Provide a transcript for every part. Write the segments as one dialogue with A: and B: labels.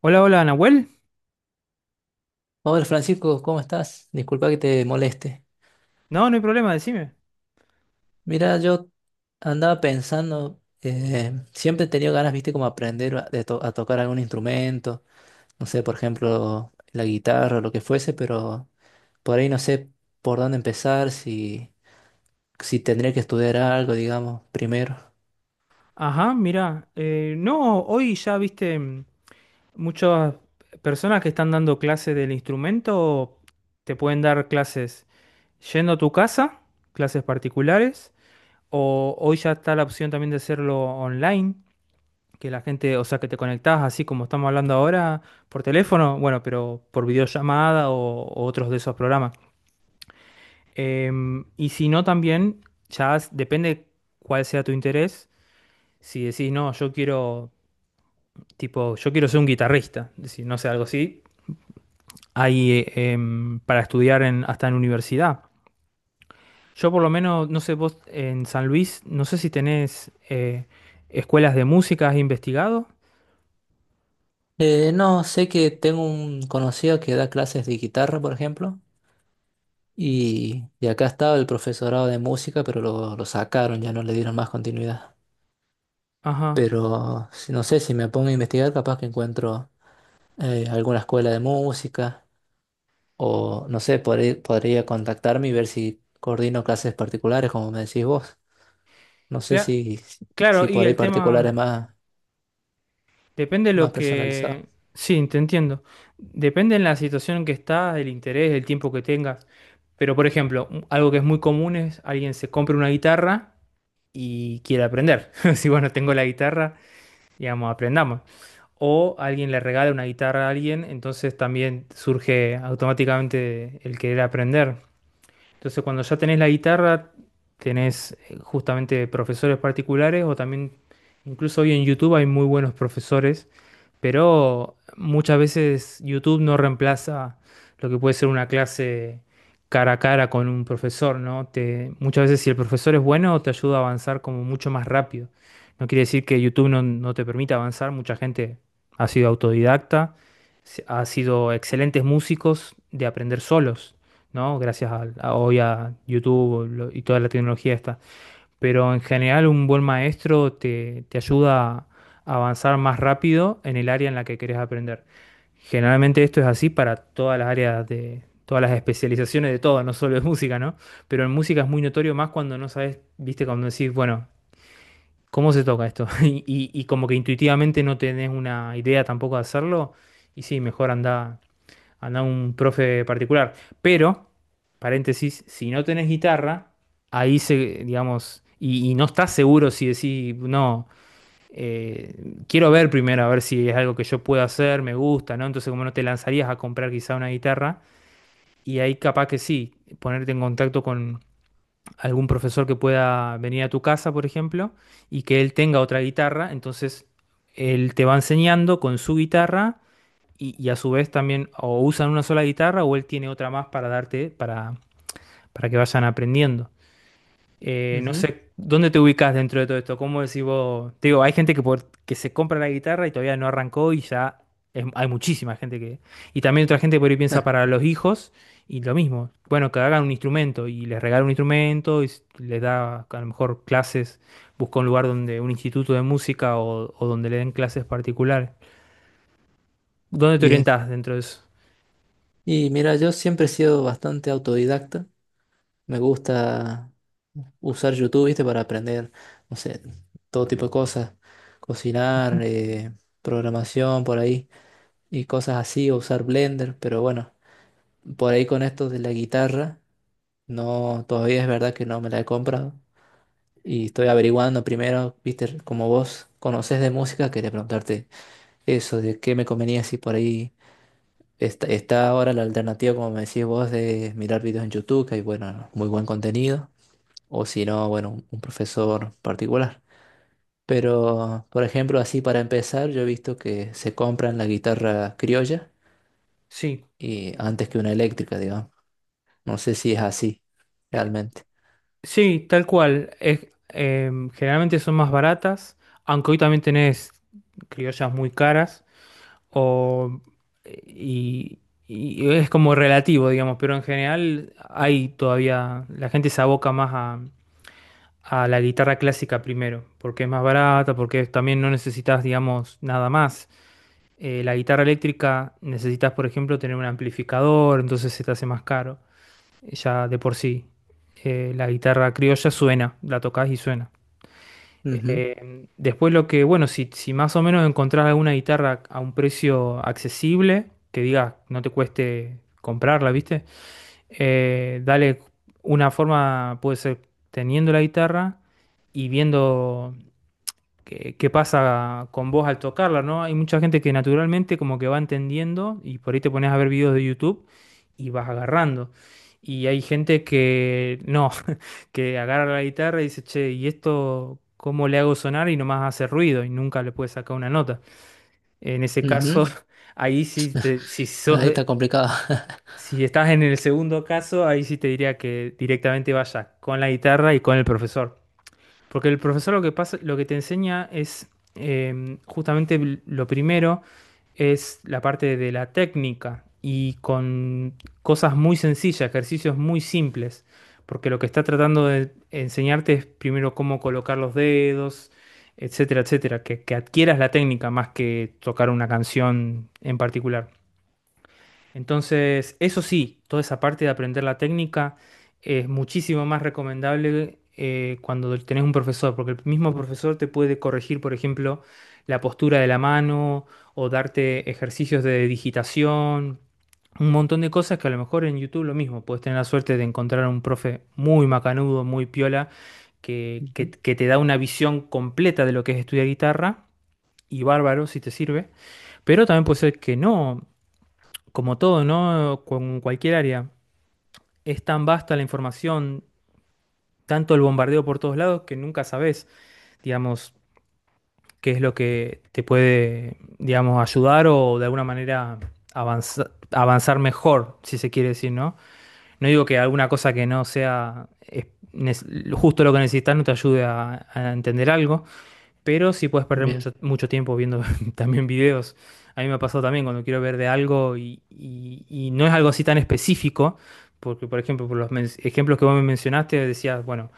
A: Hola, hola, Nahuel.
B: Hola Francisco, ¿cómo estás? Disculpa que te moleste.
A: No, no hay problema, decime.
B: Mira, yo andaba pensando, siempre he tenido ganas, viste, como aprender a tocar algún instrumento, no sé, por ejemplo, la guitarra o lo que fuese, pero por ahí no sé por dónde empezar, si tendría que estudiar algo, digamos, primero.
A: Ajá, mira, no, hoy ya viste muchas personas que están dando clases del instrumento, te pueden dar clases yendo a tu casa, clases particulares, o hoy ya está la opción también de hacerlo online, que la gente, o sea, que te conectás así como estamos hablando ahora por teléfono, bueno, pero por videollamada o otros de esos programas. Y si no, también depende cuál sea tu interés. Si decís, no, yo quiero, tipo, yo quiero ser un guitarrista, si no sé, algo así, hay para estudiar en, hasta en universidad. Yo por lo menos, no sé, vos en San Luis, no sé si tenés escuelas de música, ¿has investigado?
B: No, sé que tengo un conocido que da clases de guitarra, por ejemplo, y acá estaba el profesorado de música, pero lo sacaron, ya no le dieron más continuidad.
A: Ajá.
B: Pero no sé, si me pongo a investigar, capaz que encuentro alguna escuela de música o no sé, podría contactarme y ver si coordino clases particulares, como me decís vos. No sé
A: Cla- claro,
B: si
A: y
B: por ahí
A: el
B: particulares
A: tema,
B: más,
A: depende de
B: más
A: lo que...
B: personalizadas.
A: Sí, te entiendo. Depende en la situación en que estás, el interés, el tiempo que tengas. Pero por ejemplo, algo que es muy común es alguien se compra una guitarra y quiere aprender. Si bueno, tengo la guitarra, digamos, aprendamos. O alguien le regala una guitarra a alguien, entonces también surge automáticamente el querer aprender. Entonces, cuando ya tenés la guitarra, tenés justamente profesores particulares o también, incluso hoy en YouTube hay muy buenos profesores, pero muchas veces YouTube no reemplaza lo que puede ser una clase cara a cara con un profesor, ¿no? Te, muchas veces si el profesor es bueno, te ayuda a avanzar como mucho más rápido. No quiere decir que YouTube no te permita avanzar, mucha gente ha sido autodidacta, ha sido excelentes músicos de aprender solos. ¿No? Gracias hoy a YouTube y toda la tecnología esta. Pero en general un buen maestro te ayuda a avanzar más rápido en el área en la que querés aprender. Generalmente esto es así para todas las áreas de, todas las especializaciones de todo, no solo de música, ¿no? Pero en música es muy notorio más cuando no sabes, viste, cuando decís, bueno, ¿cómo se toca esto? Y como que intuitivamente no tenés una idea tampoco de hacerlo, y sí, mejor anda un profe particular. Pero, paréntesis, si no tenés guitarra, ahí se, digamos, y no estás seguro si decís, no, quiero ver primero a ver si es algo que yo puedo hacer, me gusta, ¿no? Entonces, como no te lanzarías a comprar quizá una guitarra, y ahí capaz que sí, ponerte en contacto con algún profesor que pueda venir a tu casa, por ejemplo, y que él tenga otra guitarra, entonces él te va enseñando con su guitarra y a su vez también o usan una sola guitarra o él tiene otra más para darte, para que vayan aprendiendo. No
B: Ujú.
A: sé, ¿dónde te ubicas dentro de todo esto? ¿Cómo decís vos? Te digo, hay gente que, que se compra la guitarra y todavía no arrancó y ya hay muchísima gente que... Y también otra gente que por ahí piensa
B: Ah,
A: para los hijos y lo mismo. Bueno, que hagan un instrumento y les regala un instrumento y les da a lo mejor clases, busca un lugar donde, un instituto de música o donde le den clases particulares. ¿Dónde te
B: bien.
A: orientás dentro de eso?
B: Y mira, yo siempre he sido bastante autodidacta. Me gusta usar YouTube, ¿viste? Para aprender, no sé, todo tipo de cosas. Cocinar,
A: Ujú.
B: programación, por ahí. Y cosas así, o usar Blender, pero bueno, por ahí con esto de la guitarra, no, todavía es verdad que no me la he comprado. Y estoy averiguando primero, viste, como vos conocés de música, quería preguntarte eso, de qué me convenía si por ahí está ahora la alternativa, como me decís vos, de mirar videos en YouTube, que hay, bueno, muy buen contenido, o si no, bueno, un profesor particular. Pero, por ejemplo, así para empezar, yo he visto que se compran la guitarra criolla
A: Sí.
B: y antes que una eléctrica, digamos. No sé si es así,
A: Eh,
B: realmente.
A: sí, tal cual. Generalmente son más baratas, aunque hoy también tenés criollas muy caras, o, y, y es como relativo, digamos, pero en general hay todavía, la gente se aboca más a la guitarra clásica primero, porque es más barata, porque también no necesitas, digamos, nada más. La guitarra eléctrica necesitas, por ejemplo, tener un amplificador, entonces se te hace más caro ya de por sí. La guitarra criolla suena, la tocas y suena.
B: Ujú,
A: Después lo que, bueno, si más o menos encontrás alguna guitarra a un precio accesible, que diga, no te cueste comprarla, ¿viste? Dale una forma, puede ser teniendo la guitarra y viendo que pasa con vos al tocarla, ¿no? Hay mucha gente que naturalmente como que va entendiendo y por ahí te pones a ver videos de YouTube y vas agarrando. Y hay gente que no, que agarra la guitarra y dice, che, ¿y esto cómo le hago sonar? Y nomás hace ruido y nunca le puede sacar una nota. En ese
B: ujú.
A: caso, ahí sí, si sos,
B: Ahí está complicado.
A: si estás en el segundo caso, ahí sí te diría que directamente vayas con la guitarra y con el profesor. Porque el profesor lo que pasa, lo que te enseña es justamente lo primero es la parte de la técnica y con cosas muy sencillas, ejercicios muy simples. Porque lo que está tratando de enseñarte es primero cómo colocar los dedos, etcétera, etcétera. Que adquieras la técnica más que tocar una canción en particular. Entonces, eso sí, toda esa parte de aprender la técnica es muchísimo más recomendable cuando tenés un profesor, porque el mismo profesor te puede corregir, por ejemplo, la postura de la mano o darte ejercicios de digitación, un montón de cosas que a lo mejor en YouTube lo mismo, puedes tener la suerte de encontrar un profe muy macanudo, muy piola, que
B: Ujú,
A: que te da una visión completa de lo que es estudiar guitarra, y bárbaro si te sirve. Pero también puede ser que no como todo, ¿no? Con cualquier área, es tan vasta la información, tanto el bombardeo por todos lados, que nunca sabes, digamos, qué es lo que te puede, digamos, ayudar o de alguna manera avanzar, avanzar mejor, si se quiere decir, ¿no? No digo que alguna cosa que no sea justo lo que necesitas no te ayude a entender algo, pero sí puedes perder
B: bien,
A: mucho, mucho tiempo viendo también videos. A mí me ha pasado también cuando quiero ver de algo y no es algo así tan específico, porque por ejemplo, por los ejemplos que vos me mencionaste, decías, bueno,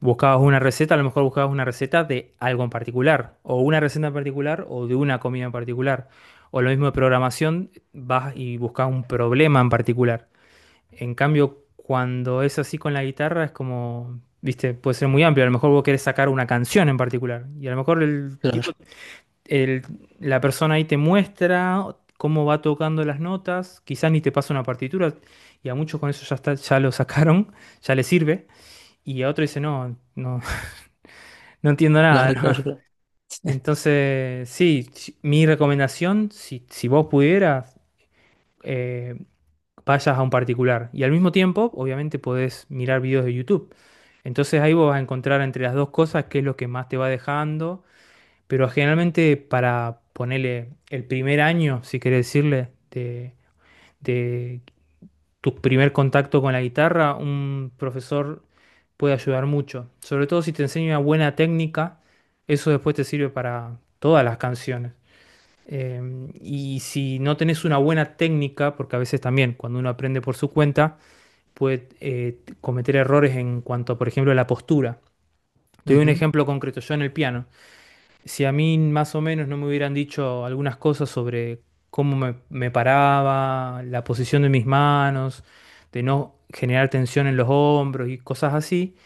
A: buscabas una receta, a lo mejor buscabas una receta de algo en particular, o una receta en particular, o de una comida en particular. O lo mismo de programación, vas y buscas un problema en particular. En cambio, cuando es así con la guitarra, es como, viste, puede ser muy amplio. A lo mejor vos querés sacar una canción en particular. Y a lo mejor el
B: claro,
A: tipo, el- la persona ahí te muestra cómo va tocando las notas. Quizás ni te pasa una partitura. Y a muchos con eso ya está, ya lo sacaron, ya les sirve. Y a otro dice, no, no, no entiendo nada.
B: claro,
A: ¿No?
B: claro, claro.
A: Entonces, sí, mi recomendación, si vos pudieras, eh, pasas a un particular. Y al mismo tiempo, obviamente, podés mirar videos de YouTube. Entonces ahí vos vas a encontrar entre las dos cosas qué es lo que más te va dejando. Pero generalmente para ponerle el primer año, si querés decirle, de tu primer contacto con la guitarra, un profesor puede ayudar mucho. Sobre todo si te enseña una buena técnica, eso después te sirve para todas las canciones. Y si no tenés una buena técnica, porque a veces también cuando uno aprende por su cuenta, puede cometer errores en cuanto a, por ejemplo, la postura. Te doy un
B: Ujú,
A: ejemplo concreto, yo en el piano. Si a mí más o menos no me hubieran dicho algunas cosas sobre cómo me paraba, la posición de mis manos, de no generar tensión en los hombros y cosas así,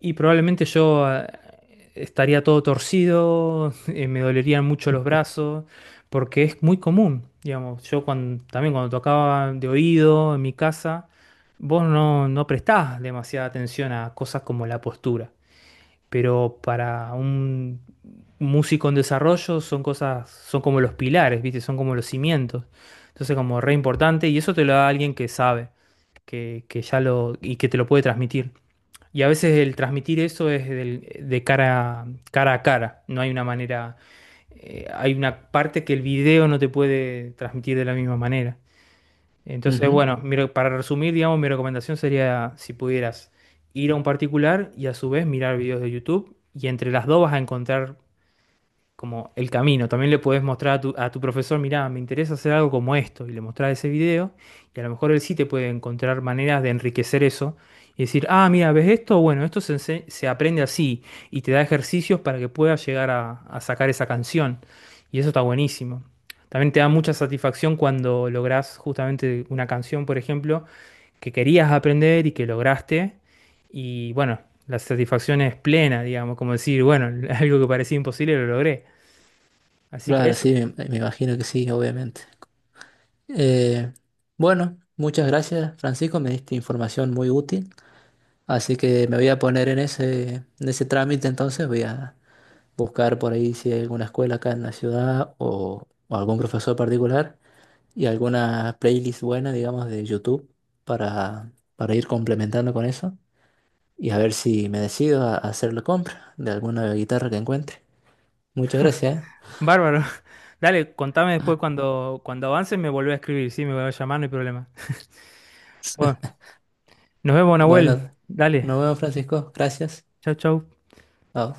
A: y probablemente yo estaría todo torcido, me dolerían mucho los brazos, porque es muy común, digamos. Yo cuando, también cuando tocaba de oído en mi casa, vos no prestás demasiada atención a cosas como la postura, pero para un músico en desarrollo son cosas, son como los pilares, ¿viste? Son como los cimientos. Entonces como re importante y eso te lo da alguien que sabe, que ya lo, y que te lo puede transmitir. Y a veces el transmitir eso es de cara, cara a cara. No hay una manera, hay una parte que el video no te puede transmitir de la misma manera. Entonces,
B: ujú.
A: bueno, mi para resumir, digamos, mi recomendación sería si pudieras ir a un particular y a su vez mirar videos de YouTube y entre las dos vas a encontrar como el camino. También le puedes mostrar a tu profesor, mirá, me interesa hacer algo como esto, y le mostrás ese video, y a lo mejor él sí te puede encontrar maneras de enriquecer eso y decir, ah, mira, ¿ves esto? Bueno, esto se, se aprende así, y te da ejercicios para que puedas llegar a sacar esa canción, y eso está buenísimo. También te da mucha satisfacción cuando lográs justamente una canción, por ejemplo, que querías aprender y que lograste. Y bueno, la satisfacción es plena, digamos, como decir, bueno, algo que parecía imposible lo logré. Así que
B: Claro,
A: eso,
B: sí, me imagino que sí, obviamente. Eh, bueno, muchas gracias, Francisco, me diste información muy útil, así que me voy a poner en en ese trámite entonces, voy a buscar por ahí si hay alguna escuela acá en la ciudad o algún profesor particular y alguna playlist buena, digamos, de YouTube para ir complementando con eso y a ver si me decido a hacer la compra de alguna guitarra que encuentre. Muchas gracias,
A: bárbaro. Dale, contame
B: ¿eh?
A: después cuando avances me volvés a escribir, sí, me voy a llamar, no hay problema. Bueno, nos vemos, Nahuel.
B: Bueno,
A: Dale,
B: nos vemos, Francisco. Gracias.
A: chau, chau.
B: Chao.